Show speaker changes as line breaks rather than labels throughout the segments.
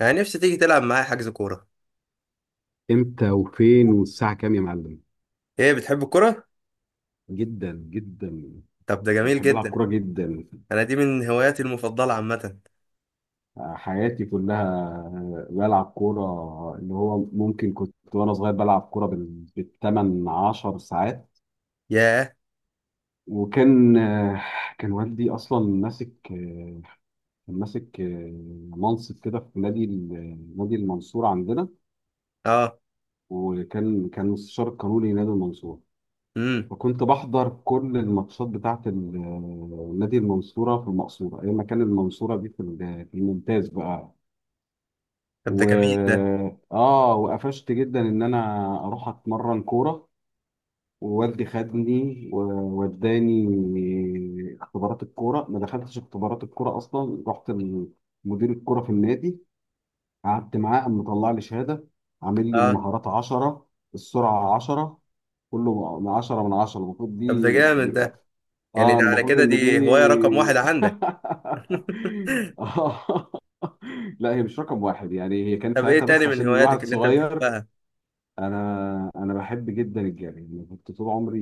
انا نفسي تيجي تلعب معايا حجز كورة.
امتى وفين والساعة كام يا معلم؟
ايه بتحب الكورة؟
جدا جدا.
طب ده جميل
وبحب العب
جدا.
كورة جدا.
انا دي من هواياتي المفضلة عامة.
حياتي كلها بلعب كورة. اللي هو ممكن كنت وانا صغير بلعب كورة بالتمن عشر ساعات.
ياه.
وكان آه، كان والدي اصلا ماسك آه، كان ماسك منصب كده في نادي نادي المنصورة عندنا.
اه.
وكان مستشار قانوني نادي المنصورة.
امم.
وكنت بحضر كل الماتشات بتاعت نادي المنصورة في المقصورة أيام ما كان المنصورة دي في الممتاز بقى.
طب ده جميل
و
ده.
آه وقفشت جدا إن أنا أروح أتمرن كورة. ووالدي خدني ووداني اختبارات الكورة. ما دخلتش اختبارات الكورة أصلا، رحت لمدير الكورة في النادي، قعدت معاه قام مطلع لي شهادة، عامل لي
اه.
المهارات 10، السرعة 10، كله 10 من 10 المفروض
طب ده
دي.
جامد ده. يعني
اه
ده على
المفروض
كده
ان دي.
دي هواية رقم واحد عندك؟
آه. لا هي مش رقم واحد يعني، هي كانت
طب ايه
ساعتها
تاني
بس
من
عشان
هواياتك
الواحد
اللي انت
صغير.
بتحبها؟
انا بحب جدا الجري، أنا كنت طول عمري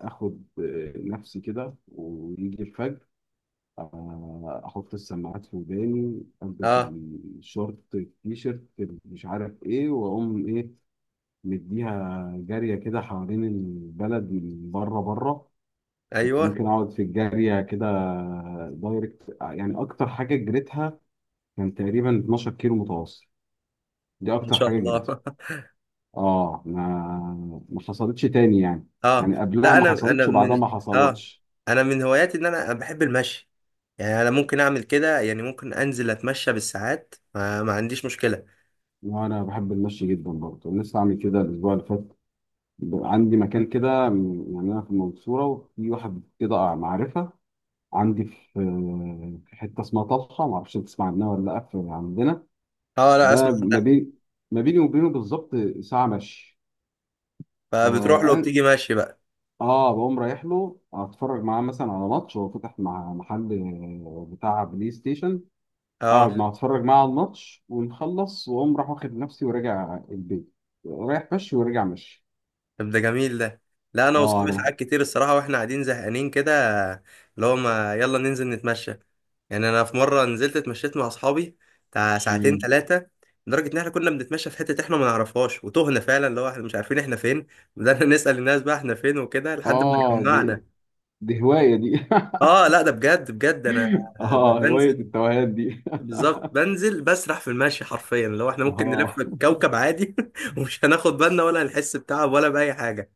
اخد نفسي كده ويجي الفجر. احط السماعات في وداني، البس
اه.
الشورت التيشيرت، مش عارف ايه، واقوم ايه، مديها جاريه كده حوالين البلد من بره بره. كنت
ايوه.
ممكن اقعد في الجارية كده دايركت، يعني اكتر حاجة جريتها كان تقريبا 12 كيلو متواصل. دي
ما
اكتر
شاء
حاجة جريتها.
الله.
اه ما حصلتش تاني يعني،
اه.
يعني قبلها
لا
ما
انا
حصلتش وبعدها
من.
ما
اه،
حصلتش.
انا من هواياتي ان انا بحب المشي. يعني انا ممكن اعمل كده، يعني ممكن انزل اتمشى بالساعات، ما عنديش مشكلة.
وانا بحب المشي جدا برضه، لسه عامل كده الاسبوع اللي فات. عندي مكان كده، يعني انا في المنصورة، وفي واحد كده معرفة عندي في حتة اسمها طلحة، ما اعرفش تسمع عنها ولا لا، عندنا.
اه لا
ده
اسمع ده.
ما بيني وبينه بالظبط ساعة مشي.
فبتروح له
فأنا
وبتيجي ماشي بقى؟
اه بقوم رايح له اتفرج معاه مثلا على ماتش، هو فتح مع محل بتاع بلاي ستيشن،
اه.
اقعد معاه اتفرج معاه على الماتش ونخلص واقوم راح واخد نفسي وراجع البيت. رايح مشي وراجع مشي.
طب ده جميل ده. لا انا
اه
واصحابي
انا بح-
ساعات كتير الصراحه واحنا قاعدين زهقانين كده، اللي هو ما يلا ننزل نتمشى. يعني انا في مره نزلت اتمشيت مع اصحابي بتاع ساعتين
مم.
ثلاثه، لدرجه ان احنا كنا بنتمشى في حته احنا ما نعرفهاش، وتهنا فعلا، اللي هو احنا مش عارفين احنا فين. بدأنا نسال الناس بقى احنا فين وكده لحد ما
اه دي
جمعنا.
دي هواية دي.
اه لا ده بجد بجد. انا
اه هواية
بنزل
التوهان دي.
بالظبط، بنزل بسرح في المشي حرفيا، اللي هو احنا ممكن نلف
اه
الكوكب عادي ومش هناخد بالنا ولا هنحس بتعب ولا باي حاجه.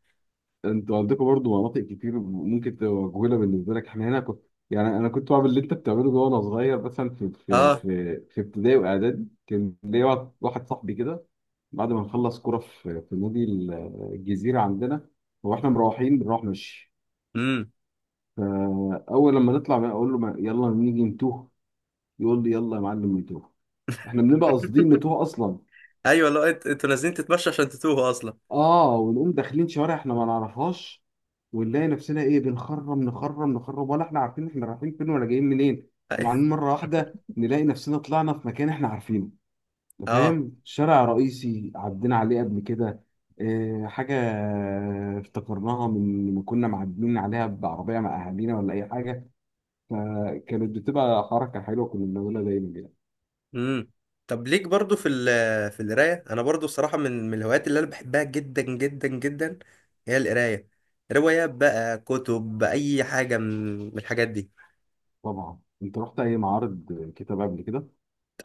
انتوا عندكم برضو مناطق كتير ممكن تبقى مجهوله بالنسبه لك. احنا هنا يعني انا كنت بعمل اللي انت بتعمله ده وانا صغير، مثلا في في
اه.
في في ابتدائي واعدادي كان ليا واحد صاحبي كده. بعد ما نخلص كوره في نادي الجزيره عندنا، واحنا مروحين بنروح مشي.
امم.
فاول لما نطلع بقى اقول له، يلا نيجي نتوه، يقول لي يلا يا معلم نتوه، احنا بنبقى قاصدين نتوه اصلا.
ايوه لا انتوا نازلين تتمشوا عشان تتوهوا اصلا.
اه ونقوم داخلين شوارع احنا ما نعرفهاش، ونلاقي نفسنا ايه، بنخرم نخرم نخرم، ولا احنا عارفين احنا رايحين فين ولا جايين منين.
أي-
وبعدين مره واحده نلاقي نفسنا طلعنا في مكان احنا عارفينه، انت
اه.
فاهم، شارع رئيسي عدينا عليه قبل كده. اه حاجه افتكرناها من ما كنا معديين عليها بعربيه مع اهالينا ولا اي حاجه. فكانت بتبقى حركه حلوه كنا بنعملها دايما كده.
امم. طب ليك برضو في القرايه. انا برضو الصراحه من الهوايات اللي انا بحبها جدا جدا جدا، هي القرايه. روايات بقى كتب اي حاجه من الحاجات دي.
طبعا انت رحت اي معارض كتاب قبل كده؟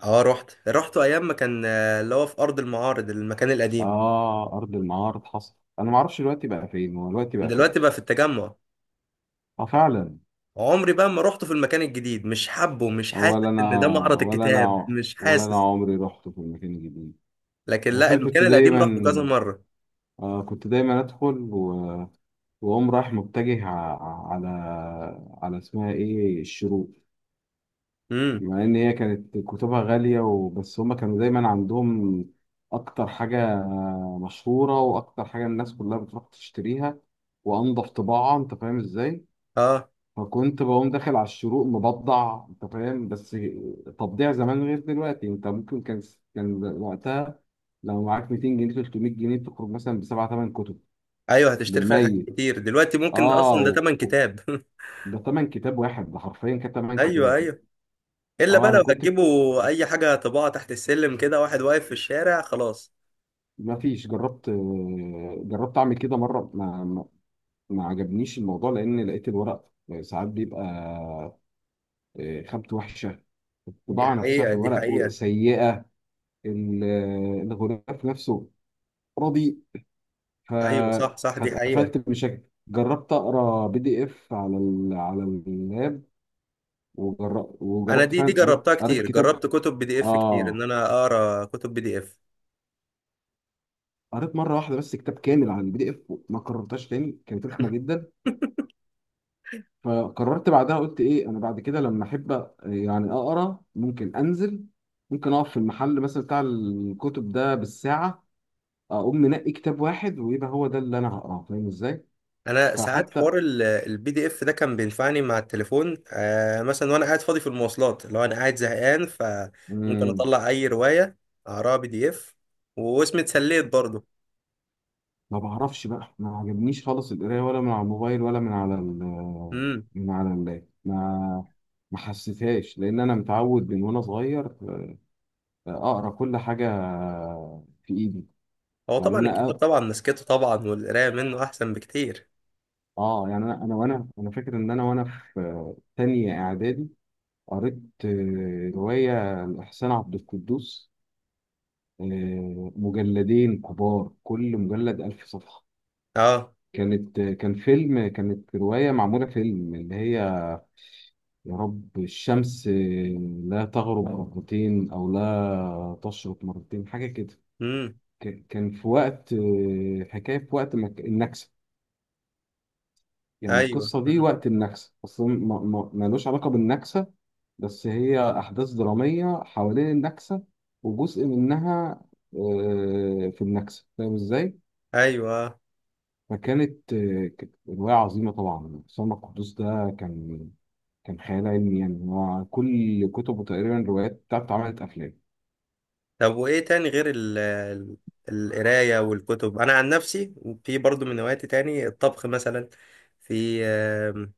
اه رحت رحت ايام ما كان، اللي هو في ارض المعارض المكان القديم.
اه ارض المعارض حصل انا ما اعرفش دلوقتي بقى فين، هو دلوقتي بقى فين.
دلوقتي بقى في التجمع.
اه فعلا.
عمري بقى ما رحت في المكان الجديد، مش حابه، مش حاسس
ولا
ان ده
انا،
معرض
ولا
الكتاب،
انا
مش
ولا انا
حاسس.
عمري رحت في المكان الجديد.
لكن
بس
لا
انا
المكان القديم رحته كذا مره.
كنت دايما ادخل واقوم رايح متجه على اسمها ايه الشروق،
امم.
بما ان هي كانت كتبها غاليه وبس هما كانوا دايما عندهم اكتر حاجه مشهوره واكتر حاجه الناس كلها بتروح تشتريها، وانضف طباعه، انت فاهم ازاي.
اه.
فكنت بقوم داخل على الشروق مبضع، انت فاهم، بس تبضيع زمان غير دلوقتي. انت ممكن كان وقتها لو معاك 200 جنيه 300 جنيه تخرج مثلا بسبعة ثمان كتب
ايوه هتشتري فيها حاجات
بالميت.
كتير. دلوقتي ممكن ده
اه
اصلا ده تمن
و-
كتاب.
ده ثمن كتاب واحد، ده حرفيا كان ثمن
ايوه
كتاب.
ايوه. الا
اه
بقى
انا
لو
كنت
هتجيبوا اي حاجه طباعه تحت السلم كده، واحد واقف في الشارع، خلاص.
ما فيش، جربت اعمل كده مره، ما عجبنيش الموضوع، لان لقيت الورق ساعات بيبقى خامته وحشه،
دي
الطباعه نفسها
حقيقه
في
دي
الورق
حقيقه.
سيئه، ال- الغلاف نفسه راضي. ف
ايوه صح صح دي حقيقه.
فاتقفلت بشكل. جربت اقرا بي دي اف على اللاب،
انا
وجربت
دي
فعلا، قريت
جربتها
قريت
كتير،
كتاب.
جربت كتب بي دي اف كتير ان
اه
انا اقرا كتب بي دي اف.
قريت مره واحده بس كتاب كامل عن البي دي اف، ما قررتهاش تاني، كانت رخمه جدا. فقررت بعدها قلت ايه انا بعد كده لما احب يعني اقرا ممكن انزل، ممكن اقف في المحل مثلا بتاع الكتب ده بالساعه، اقوم منقي كتاب واحد ويبقى هو ده اللي انا هقراه، فاهم ازاي؟
انا ساعات
فحتى
حوار البي دي اف ده كان بينفعني مع التليفون مثلا، وانا قاعد فاضي في المواصلات، لو انا قاعد زهقان، فممكن
مم.
اطلع اي روايه اقراها بي دي اف، واسمي اتسليت برضه.
ما بعرفش بقى، ما عجبنيش خالص القرايه ولا من على الموبايل ولا من على ال، من على اللاب، ما حسيتهاش، لان انا متعود من وانا صغير اقرا كل حاجه في ايدي.
هو
يعني
طبعا
انا
الكتاب طبعا مسكته طبعا والقرايه منه احسن بكتير.
اه يعني انا فاكر ان انا في تانية اعدادي قريت روايه لاحسان عبد القدوس، مجلدين كبار كل مجلد 1000 صفحه.
اه.
كان فيلم، كانت روايه معموله فيلم اللي هي، يا رب الشمس لا تغرب مرتين، أو لا تشرق مرتين، حاجة كده.
امم.
كان في وقت، حكاية في وقت النكسة، يعني
ايوه
القصة دي
مم.
وقت النكسة أصلا ملوش علاقة بالنكسة، بس هي أحداث درامية حوالين النكسة، وجزء منها في النكسة، فاهم إزاي؟
ايوه آه.
فكانت آه، كانت رواية عظيمة طبعا. سلمى القدوس ده كان كان خيال علمي، يعني هو كل كتبه تقريبا الروايات بتاعته اتعملت أفلام.
طب وايه تاني غير القرايه والكتب؟ انا عن نفسي في برضو من هواياتي تاني الطبخ مثلا. في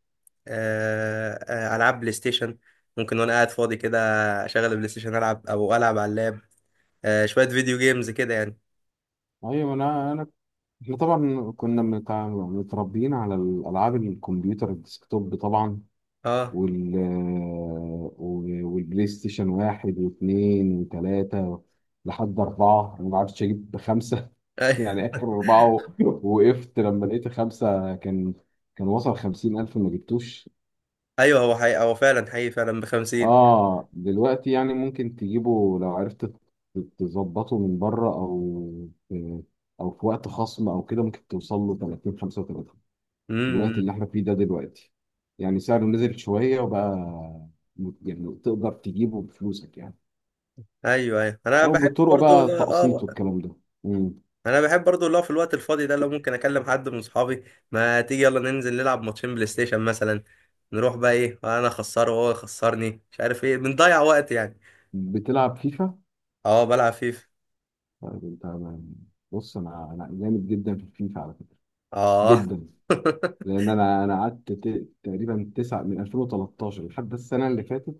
العاب بلاي ستيشن. ممكن وانا قاعد فاضي كده اشغل البلاي ستيشن، العب او العب على اللاب، شويه فيديو جيمز كده يعني.
أيوة أنا أنا إحنا طبعا كنا متربيين على الألعاب، الكمبيوتر الديسكتوب طبعا،
اه.
والبلاي ستيشن واحد واثنين وثلاثة لحد أربعة. أنا ما عرفتش أجيب خمسة
ايوه
يعني آخر أربعة وقفت. لما لقيت خمسة كان وصل 50,000، ما جبتوش.
ايوه. هو حقيقي، هو فعلا حقيقي فعلا بخمسين.
اه دلوقتي يعني ممكن تجيبه لو عرفت تظبطه من بره، او في، او في وقت خصم او كده ممكن توصل له 30 35. الوقت
امم.
اللي احنا فيه ده دلوقتي يعني سعره نزل شويه وبقى، يعني تقدر تجيبه بفلوسك يعني،
ايوه ايوه انا
او
بحب
بالطرق
برضو.
بقى تقسيط
اه
والكلام ده. مم.
انا بحب برضو اللي هو في الوقت الفاضي ده لو ممكن اكلم حد من صحابي، ما تيجي يلا ننزل نلعب ماتشين بلاي ستيشن مثلا، نروح بقى ايه، انا اخسره وهو يخسرني مش عارف ايه، بنضيع وقت يعني.
بتلعب فيفا؟
اه بلعب فيفا.
طيب انت، بص انا جامد جدا في الفيفا على فكره،
اه.
جدا. لان انا قعدت تقريبا تسعة من 2013 لحد السنه اللي فاتت،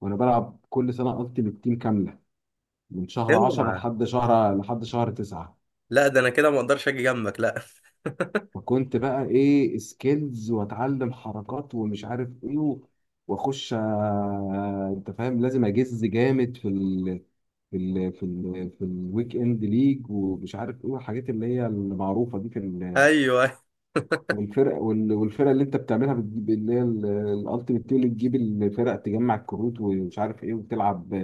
وانا بلعب كل سنه التيمت تيم كامله من شهر 10
اوعى.
لحد شهر 9.
لا ده انا كده ما اقدرش اجي جنبك، لا.
فكنت بقى ايه سكيلز، واتعلم حركات ومش عارف ايه واخش انت فاهم، لازم اجز جامد في الويك اند ليج، ومش عارف ايه الحاجات اللي هي المعروفه دي في ال،
ايوه.
والفرق والفرق اللي انت بتعملها، بتجيب اللي هي الالتيمت تيم، اللي تجيب الفرق، تجمع الكروت ومش عارف ايه، وتلعب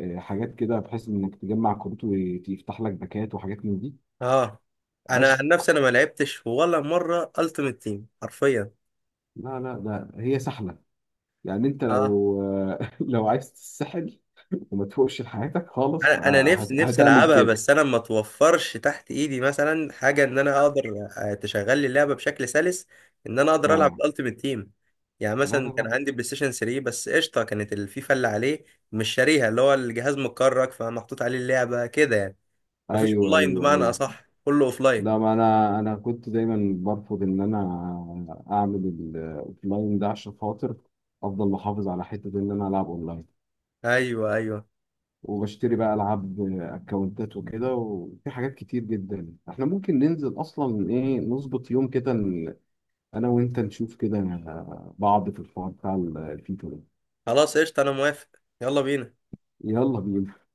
حاجات كده بحيث انك تجمع كروت ويفتح لك باكات وحاجات من دي.
اه. انا
عشق.
عن نفسي انا ما لعبتش ولا مره التيمت تيم حرفيا.
لا لا ده هي سحله يعني. انت
اه.
لو لو عايز تتسحل وما تفوقش لحياتك خالص
انا نفسي نفسي
هتعمل
العبها،
كده.
بس انا ما توفرش تحت ايدي مثلا حاجه ان انا اقدر تشغل لي اللعبه بشكل سلس، ان انا اقدر العب
اه.
الالتيميت تيم. يعني
لا لا
مثلا
لا.
كان عندي بلاي ستيشن 3 بس قشطه كانت الفيفا اللي عليه. مش شاريها، اللي هو الجهاز متكرك فمحطوط عليه اللعبه كده يعني، مفيش
ايوه
اونلاين،
ايوه
بمعنى
ايوه.
اصح كله اوفلاين.
لا ما انا كنت دايما برفض ان انا اعمل الاوفلاين ده، عشان خاطر افضل محافظ على حته ان انا العب اونلاين.
ايوه ايوه.
وبشتري بقى العاب اكونتات وكده. وفي حاجات كتير جدا احنا ممكن ننزل اصلا ايه، نظبط يوم كده انا وانت نشوف كده بعض في الحوار بتاع الفيفا ده.
خلاص قشطه انا موافق. يلا بينا.
يلا بينا.